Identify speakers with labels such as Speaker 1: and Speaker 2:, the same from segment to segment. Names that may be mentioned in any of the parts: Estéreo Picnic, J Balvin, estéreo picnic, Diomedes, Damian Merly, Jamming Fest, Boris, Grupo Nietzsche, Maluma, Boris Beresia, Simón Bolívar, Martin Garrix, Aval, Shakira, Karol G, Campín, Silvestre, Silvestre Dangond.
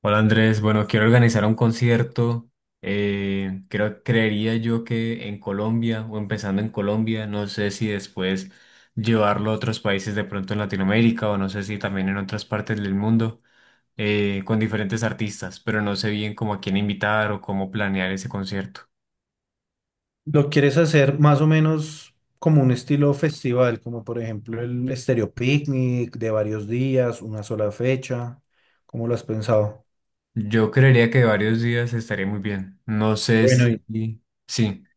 Speaker 1: Hola Andrés, bueno, quiero organizar un concierto. Creo, creería yo que en Colombia o empezando en Colombia, no sé si después llevarlo a otros países de pronto en Latinoamérica o no sé si también en otras partes del mundo con diferentes artistas, pero no sé bien cómo a quién invitar o cómo planear ese concierto.
Speaker 2: Lo quieres hacer más o menos como un estilo festival, como por ejemplo el estéreo Picnic de varios días, una sola fecha. ¿Cómo lo has pensado?
Speaker 1: Yo creería que varios días estaría muy bien. No sé
Speaker 2: Bueno, ¿y,
Speaker 1: si... Sí.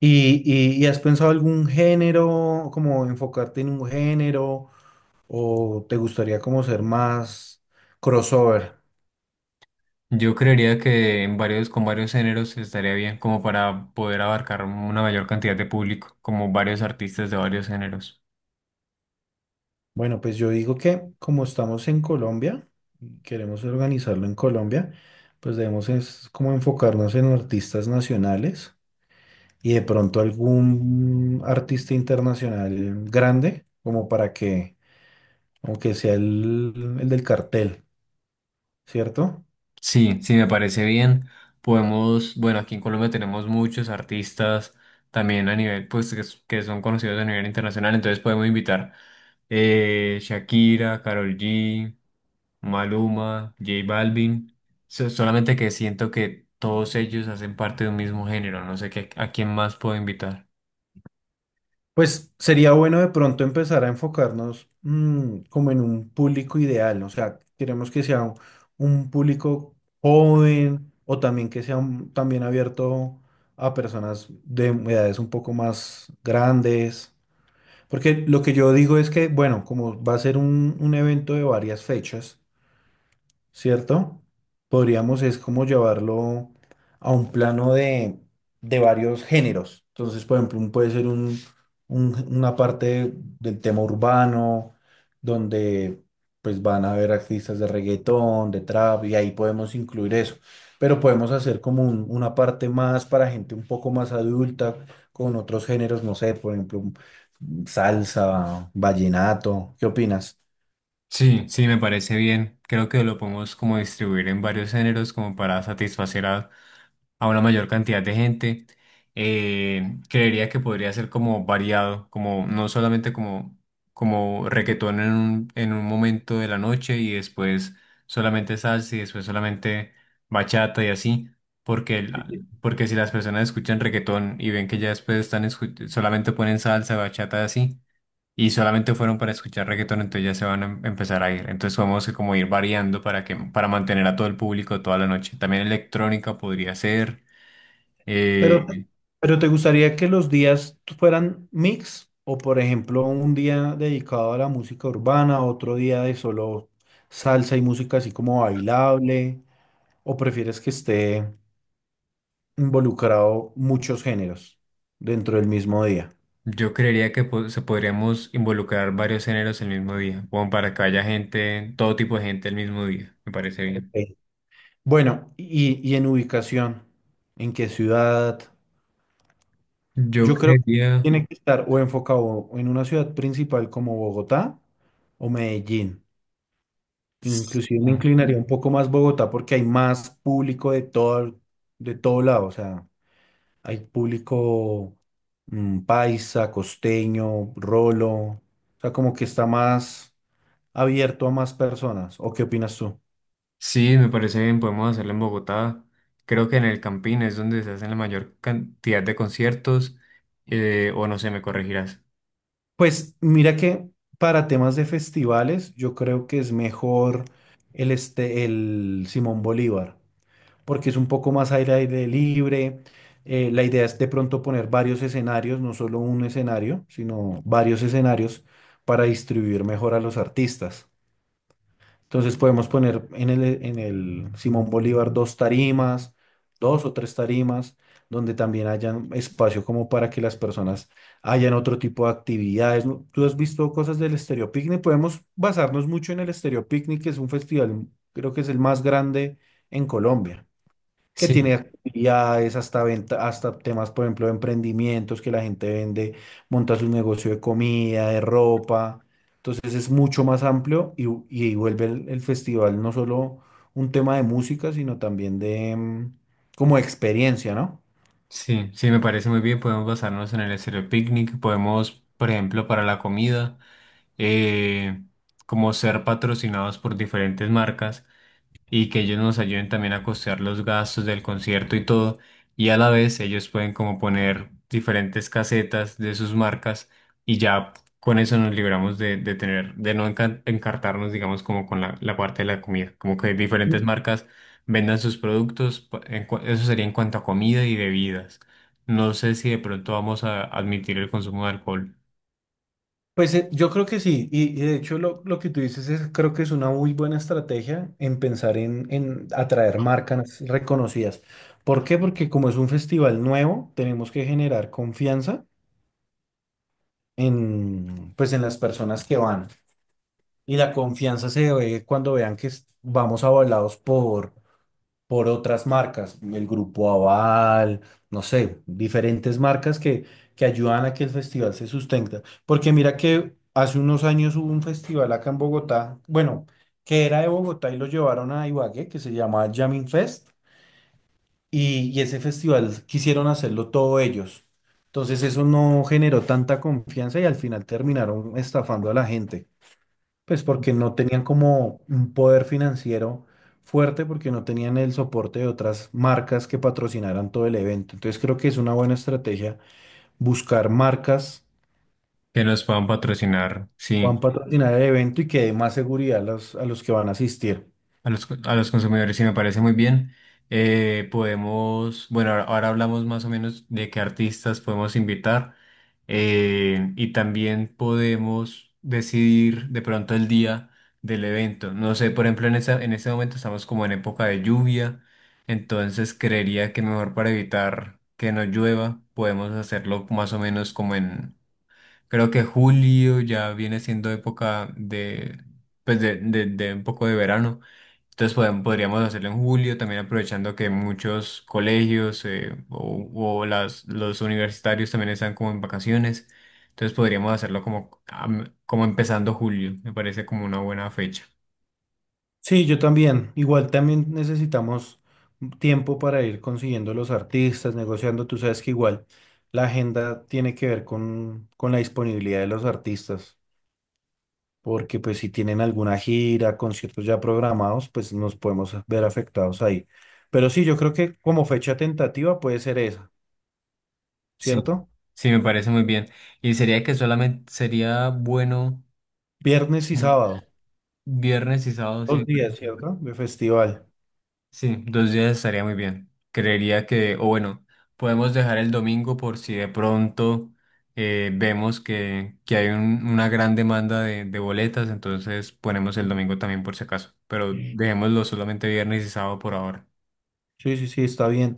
Speaker 2: y has pensado algún género, como enfocarte en un género, o te gustaría como ser más crossover?
Speaker 1: Yo creería que en varios, con varios géneros estaría bien como para poder abarcar una mayor cantidad de público, como varios artistas de varios géneros.
Speaker 2: Bueno, pues yo digo que como estamos en Colombia, y queremos organizarlo en Colombia, pues debemos es como enfocarnos en artistas nacionales y de pronto algún artista internacional grande, como para que, aunque sea el del cartel, ¿cierto?
Speaker 1: Sí, sí, me parece bien. Podemos, bueno, aquí en Colombia tenemos muchos artistas también a nivel, pues, que, que son conocidos a nivel internacional, entonces podemos invitar Shakira, Karol G, Maluma, J Balvin. Solamente que siento que todos ellos hacen parte de un mismo género, no sé qué, a quién más puedo invitar.
Speaker 2: Pues sería bueno de pronto empezar a enfocarnos como en un público ideal, o sea, queremos que sea un público joven o también que sea también abierto a personas de edades un poco más grandes, porque lo que yo digo es que, bueno, como va a ser un evento de varias fechas, ¿cierto? Podríamos es como llevarlo a un plano de varios géneros. Entonces, por ejemplo, puede ser un, una parte del tema urbano, donde pues van a haber artistas de reggaetón, de trap, y ahí podemos incluir eso. Pero podemos hacer como una parte más para gente un poco más adulta, con otros géneros, no sé, por ejemplo, salsa, vallenato. ¿Qué opinas?
Speaker 1: Sí, sí, me parece bien. Creo que lo podemos como distribuir en varios géneros como para satisfacer a una mayor cantidad de gente. Creería que podría ser como variado, como no solamente como, como reggaetón en un momento de la noche y después solamente salsa y después solamente bachata y así, porque, porque si las personas escuchan reggaetón y ven que ya después están solamente ponen salsa, bachata y así y solamente fueron para escuchar reggaetón, entonces ya se van a empezar a ir. Entonces vamos a como ir variando para que, para mantener a todo el público toda la noche. También electrónica podría ser.
Speaker 2: Pero,
Speaker 1: eh,
Speaker 2: pero ¿te gustaría que los días fueran mix? O por ejemplo, un día dedicado a la música urbana, otro día de solo salsa y música así como bailable, o prefieres que esté involucrado muchos géneros dentro del mismo día?
Speaker 1: yo creería que se podríamos involucrar varios géneros el mismo día, como para que haya gente, todo tipo de gente el mismo día. Me parece bien.
Speaker 2: Ok. Bueno, y en ubicación, ¿en qué ciudad?
Speaker 1: Yo
Speaker 2: Yo creo que
Speaker 1: creería.
Speaker 2: tiene que estar o enfocado en una ciudad principal como Bogotá o Medellín.
Speaker 1: s-
Speaker 2: Inclusive me inclinaría un poco más Bogotá porque hay más público de todo lado. O sea, hay público paisa, costeño, rolo. O sea, como que está más abierto a más personas. ¿O qué opinas tú?
Speaker 1: Sí, me parece bien, podemos hacerlo en Bogotá. Creo que en el Campín es donde se hacen la mayor cantidad de conciertos, o no sé, me corregirás.
Speaker 2: Pues mira que para temas de festivales, yo creo que es mejor el Simón Bolívar. Porque es un poco más aire, aire libre. La idea es de pronto poner varios escenarios, no solo un escenario, sino varios escenarios para distribuir mejor a los artistas. Entonces podemos poner en el Simón Bolívar dos tarimas, dos o tres tarimas, donde también hayan espacio como para que las personas hayan otro tipo de actividades. ¿No? ¿Tú has visto cosas del Estéreo Picnic? Podemos basarnos mucho en el Estéreo Picnic, que es un festival, creo que es el más grande en Colombia que tiene actividades, hasta venta, hasta temas, por ejemplo, de emprendimientos que la gente vende, monta su negocio de comida, de ropa. Entonces es mucho más amplio y vuelve el festival no solo un tema de música, sino también de como experiencia, ¿no?
Speaker 1: Sí, sí, me parece muy bien. Podemos basarnos en el estéreo picnic. Podemos, por ejemplo, para la comida, eh, como ser patrocinados por diferentes marcas y que ellos nos ayuden también a costear los gastos del concierto y todo. Y a la vez ellos pueden como poner diferentes casetas de sus marcas y ya con eso nos libramos de tener, de no encartarnos, digamos, como con la, la parte de la comida. Como que diferentes marcas vendan sus productos, eso sería en cuanto a comida y bebidas. No sé si de pronto vamos a admitir el consumo de alcohol,
Speaker 2: Pues yo creo que sí, y de hecho lo que tú dices es, creo que es una muy buena estrategia en pensar en atraer marcas reconocidas. ¿Por qué? Porque como es un festival nuevo, tenemos que generar confianza en, pues en las personas que van. Y la confianza se ve cuando vean que vamos avalados por otras marcas, el grupo Aval, no sé, diferentes marcas que ayudan a que el festival se sustenta. Porque mira que hace unos años hubo un festival acá en Bogotá, bueno, que era de Bogotá y lo llevaron a Ibagué, que se llamaba Jamming Fest. Y ese festival quisieron hacerlo todo ellos. Entonces eso no generó tanta confianza y al final terminaron estafando a la gente. Pues porque no tenían como un poder financiero fuerte, porque no tenían el soporte de otras marcas que patrocinaran todo el evento. Entonces creo que es una buena estrategia buscar marcas
Speaker 1: que nos puedan patrocinar,
Speaker 2: que puedan
Speaker 1: sí.
Speaker 2: patrocinar el evento y que dé más seguridad a los que van a asistir.
Speaker 1: A los, a los consumidores, sí, me parece muy bien. Podemos, bueno, ahora hablamos más o menos de qué artistas podemos invitar y también podemos decidir de pronto el día del evento. No sé, por ejemplo, en esa, en este momento estamos como en época de lluvia, entonces creería que mejor para evitar que no llueva, podemos hacerlo más o menos como en, creo que julio ya viene siendo época de, pues de, de un poco de verano. Entonces podríamos hacerlo en julio, también aprovechando que muchos colegios o las, los universitarios también están como en vacaciones. Entonces podríamos hacerlo como, como empezando julio. Me parece como una buena fecha.
Speaker 2: Sí, yo también. Igual también necesitamos tiempo para ir consiguiendo los artistas, negociando. Tú sabes que igual la agenda tiene que ver con la disponibilidad de los artistas, porque pues si tienen alguna gira, conciertos ya programados, pues nos podemos ver afectados ahí. Pero sí, yo creo que como fecha tentativa puede ser esa,
Speaker 1: Sí,
Speaker 2: ¿cierto?
Speaker 1: sí, me parece muy bien. Y sería que solamente sería bueno
Speaker 2: Viernes y
Speaker 1: mm,
Speaker 2: sábado,
Speaker 1: viernes y sábado. Sí,
Speaker 2: dos días, ¿cierto? De festival.
Speaker 1: sí, dos días estaría muy bien. Creería que, o bueno, podemos dejar el domingo por si de pronto vemos que hay una gran demanda de boletas, entonces ponemos el domingo también por si acaso, pero
Speaker 2: Sí,
Speaker 1: dejémoslo solamente viernes y sábado por ahora.
Speaker 2: sí, sí, está bien.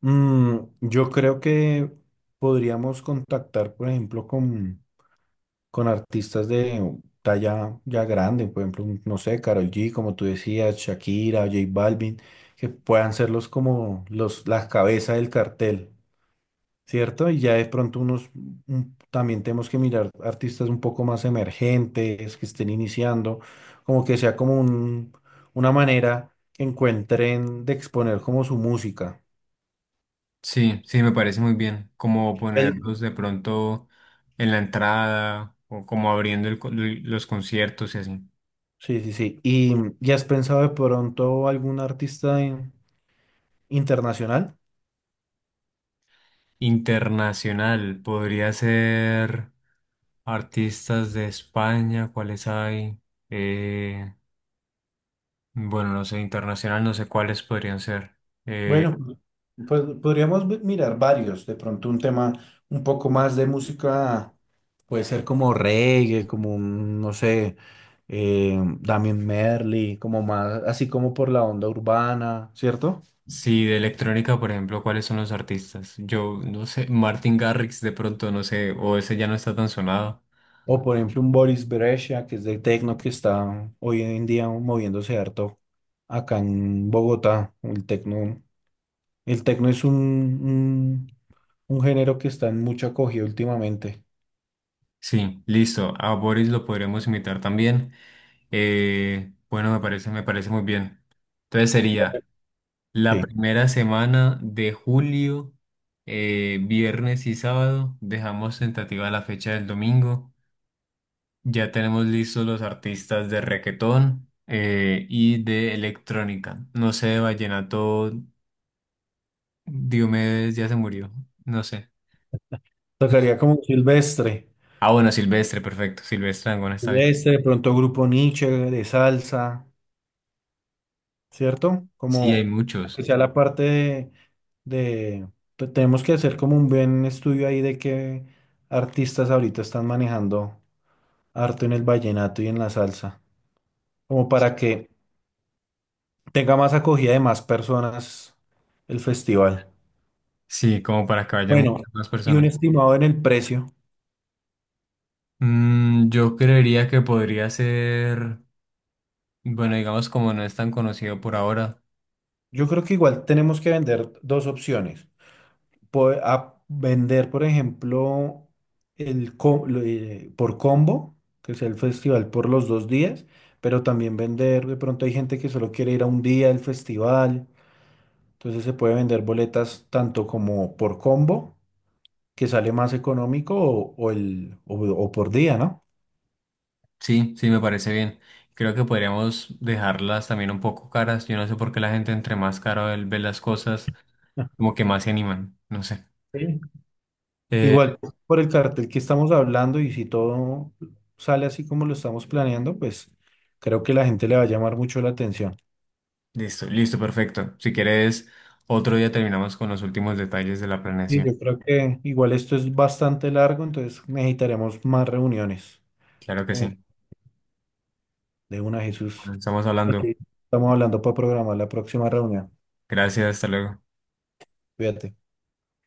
Speaker 2: Mm, yo creo que podríamos contactar, por ejemplo, con artistas de talla ya grande, por ejemplo, no sé, Karol G, como tú decías, Shakira, J Balvin, que puedan ser los como los, las cabezas del cartel, ¿cierto? Y ya de pronto unos, también tenemos que mirar artistas un poco más emergentes, que estén iniciando, como que sea como un, una manera que encuentren de exponer como su música.
Speaker 1: Sí, sí, me parece muy bien, como ponerlos de pronto en la entrada o como abriendo el los conciertos y así.
Speaker 2: Sí, sí, sí. Y has pensado de pronto algún artista internacional?
Speaker 1: Internacional podría ser... Artistas de España, ¿cuáles hay? Eh, bueno, no sé, internacional, no sé cuáles podrían ser.
Speaker 2: Bueno, pues, podríamos mirar varios. De pronto un tema un poco más de música, puede ser como reggae, como un, no sé, Damian Merly, como más, así como por la onda urbana, ¿cierto?
Speaker 1: Sí, de electrónica, por ejemplo, ¿cuáles son los artistas? Yo no sé, Martin Garrix de pronto, no sé, o ese ya no está tan sonado.
Speaker 2: O por ejemplo un Boris Beresia, que es de techno, que está hoy en día moviéndose harto acá en Bogotá, el techno. El tecno es un género que está en mucho acogido últimamente.
Speaker 1: Sí, listo. A Boris lo podremos imitar también. Bueno, me parece muy bien. Entonces sería la
Speaker 2: Sí.
Speaker 1: primera semana de julio, viernes y sábado. Dejamos tentativa la fecha del domingo. Ya tenemos listos los artistas de reggaetón y de electrónica. No sé, de vallenato, Diomedes ya se murió. No sé.
Speaker 2: Tocaría como Silvestre.
Speaker 1: Ah, bueno, Silvestre, perfecto. Silvestre Dangond está bien.
Speaker 2: Silvestre, de pronto Grupo Nietzsche, de salsa, ¿cierto?
Speaker 1: Sí, hay
Speaker 2: Como que
Speaker 1: muchos.
Speaker 2: sea la parte de, de- tenemos que hacer como un buen estudio ahí de qué artistas ahorita están manejando harto en el vallenato y en la salsa. Como para que tenga más acogida de más personas el festival.
Speaker 1: Sí, como para que vayan
Speaker 2: Bueno,
Speaker 1: muchas más
Speaker 2: y un
Speaker 1: personas.
Speaker 2: estimado en el precio.
Speaker 1: Mm, yo creería que podría ser, bueno, digamos como no es tan conocido por ahora.
Speaker 2: Yo creo que igual tenemos que vender dos opciones. A vender, por ejemplo, por combo, que sea el festival por los dos días, pero también vender, de pronto hay gente que solo quiere ir a un día del festival, entonces se puede vender boletas tanto como por combo, que sale más económico, o por día, ¿no?
Speaker 1: Sí, sí, me parece bien. Creo que podríamos dejarlas también un poco caras. Yo no sé por qué la gente entre más caro él ve las cosas. Como que más se animan, no sé.
Speaker 2: Sí.
Speaker 1: Eh,
Speaker 2: Igual, por el cartel que estamos hablando y si todo sale así como lo estamos planeando, pues creo que la gente le va a llamar mucho la atención.
Speaker 1: listo, listo, perfecto. Si quieres, otro día terminamos con los últimos detalles de la
Speaker 2: Sí,
Speaker 1: planeación.
Speaker 2: yo creo que igual esto es bastante largo, entonces necesitaremos más reuniones.
Speaker 1: Claro que sí.
Speaker 2: Como de una, Jesús.
Speaker 1: Bueno, estamos
Speaker 2: Ok.
Speaker 1: hablando.
Speaker 2: Estamos hablando para programar la próxima reunión.
Speaker 1: Gracias, hasta luego.
Speaker 2: Cuídate.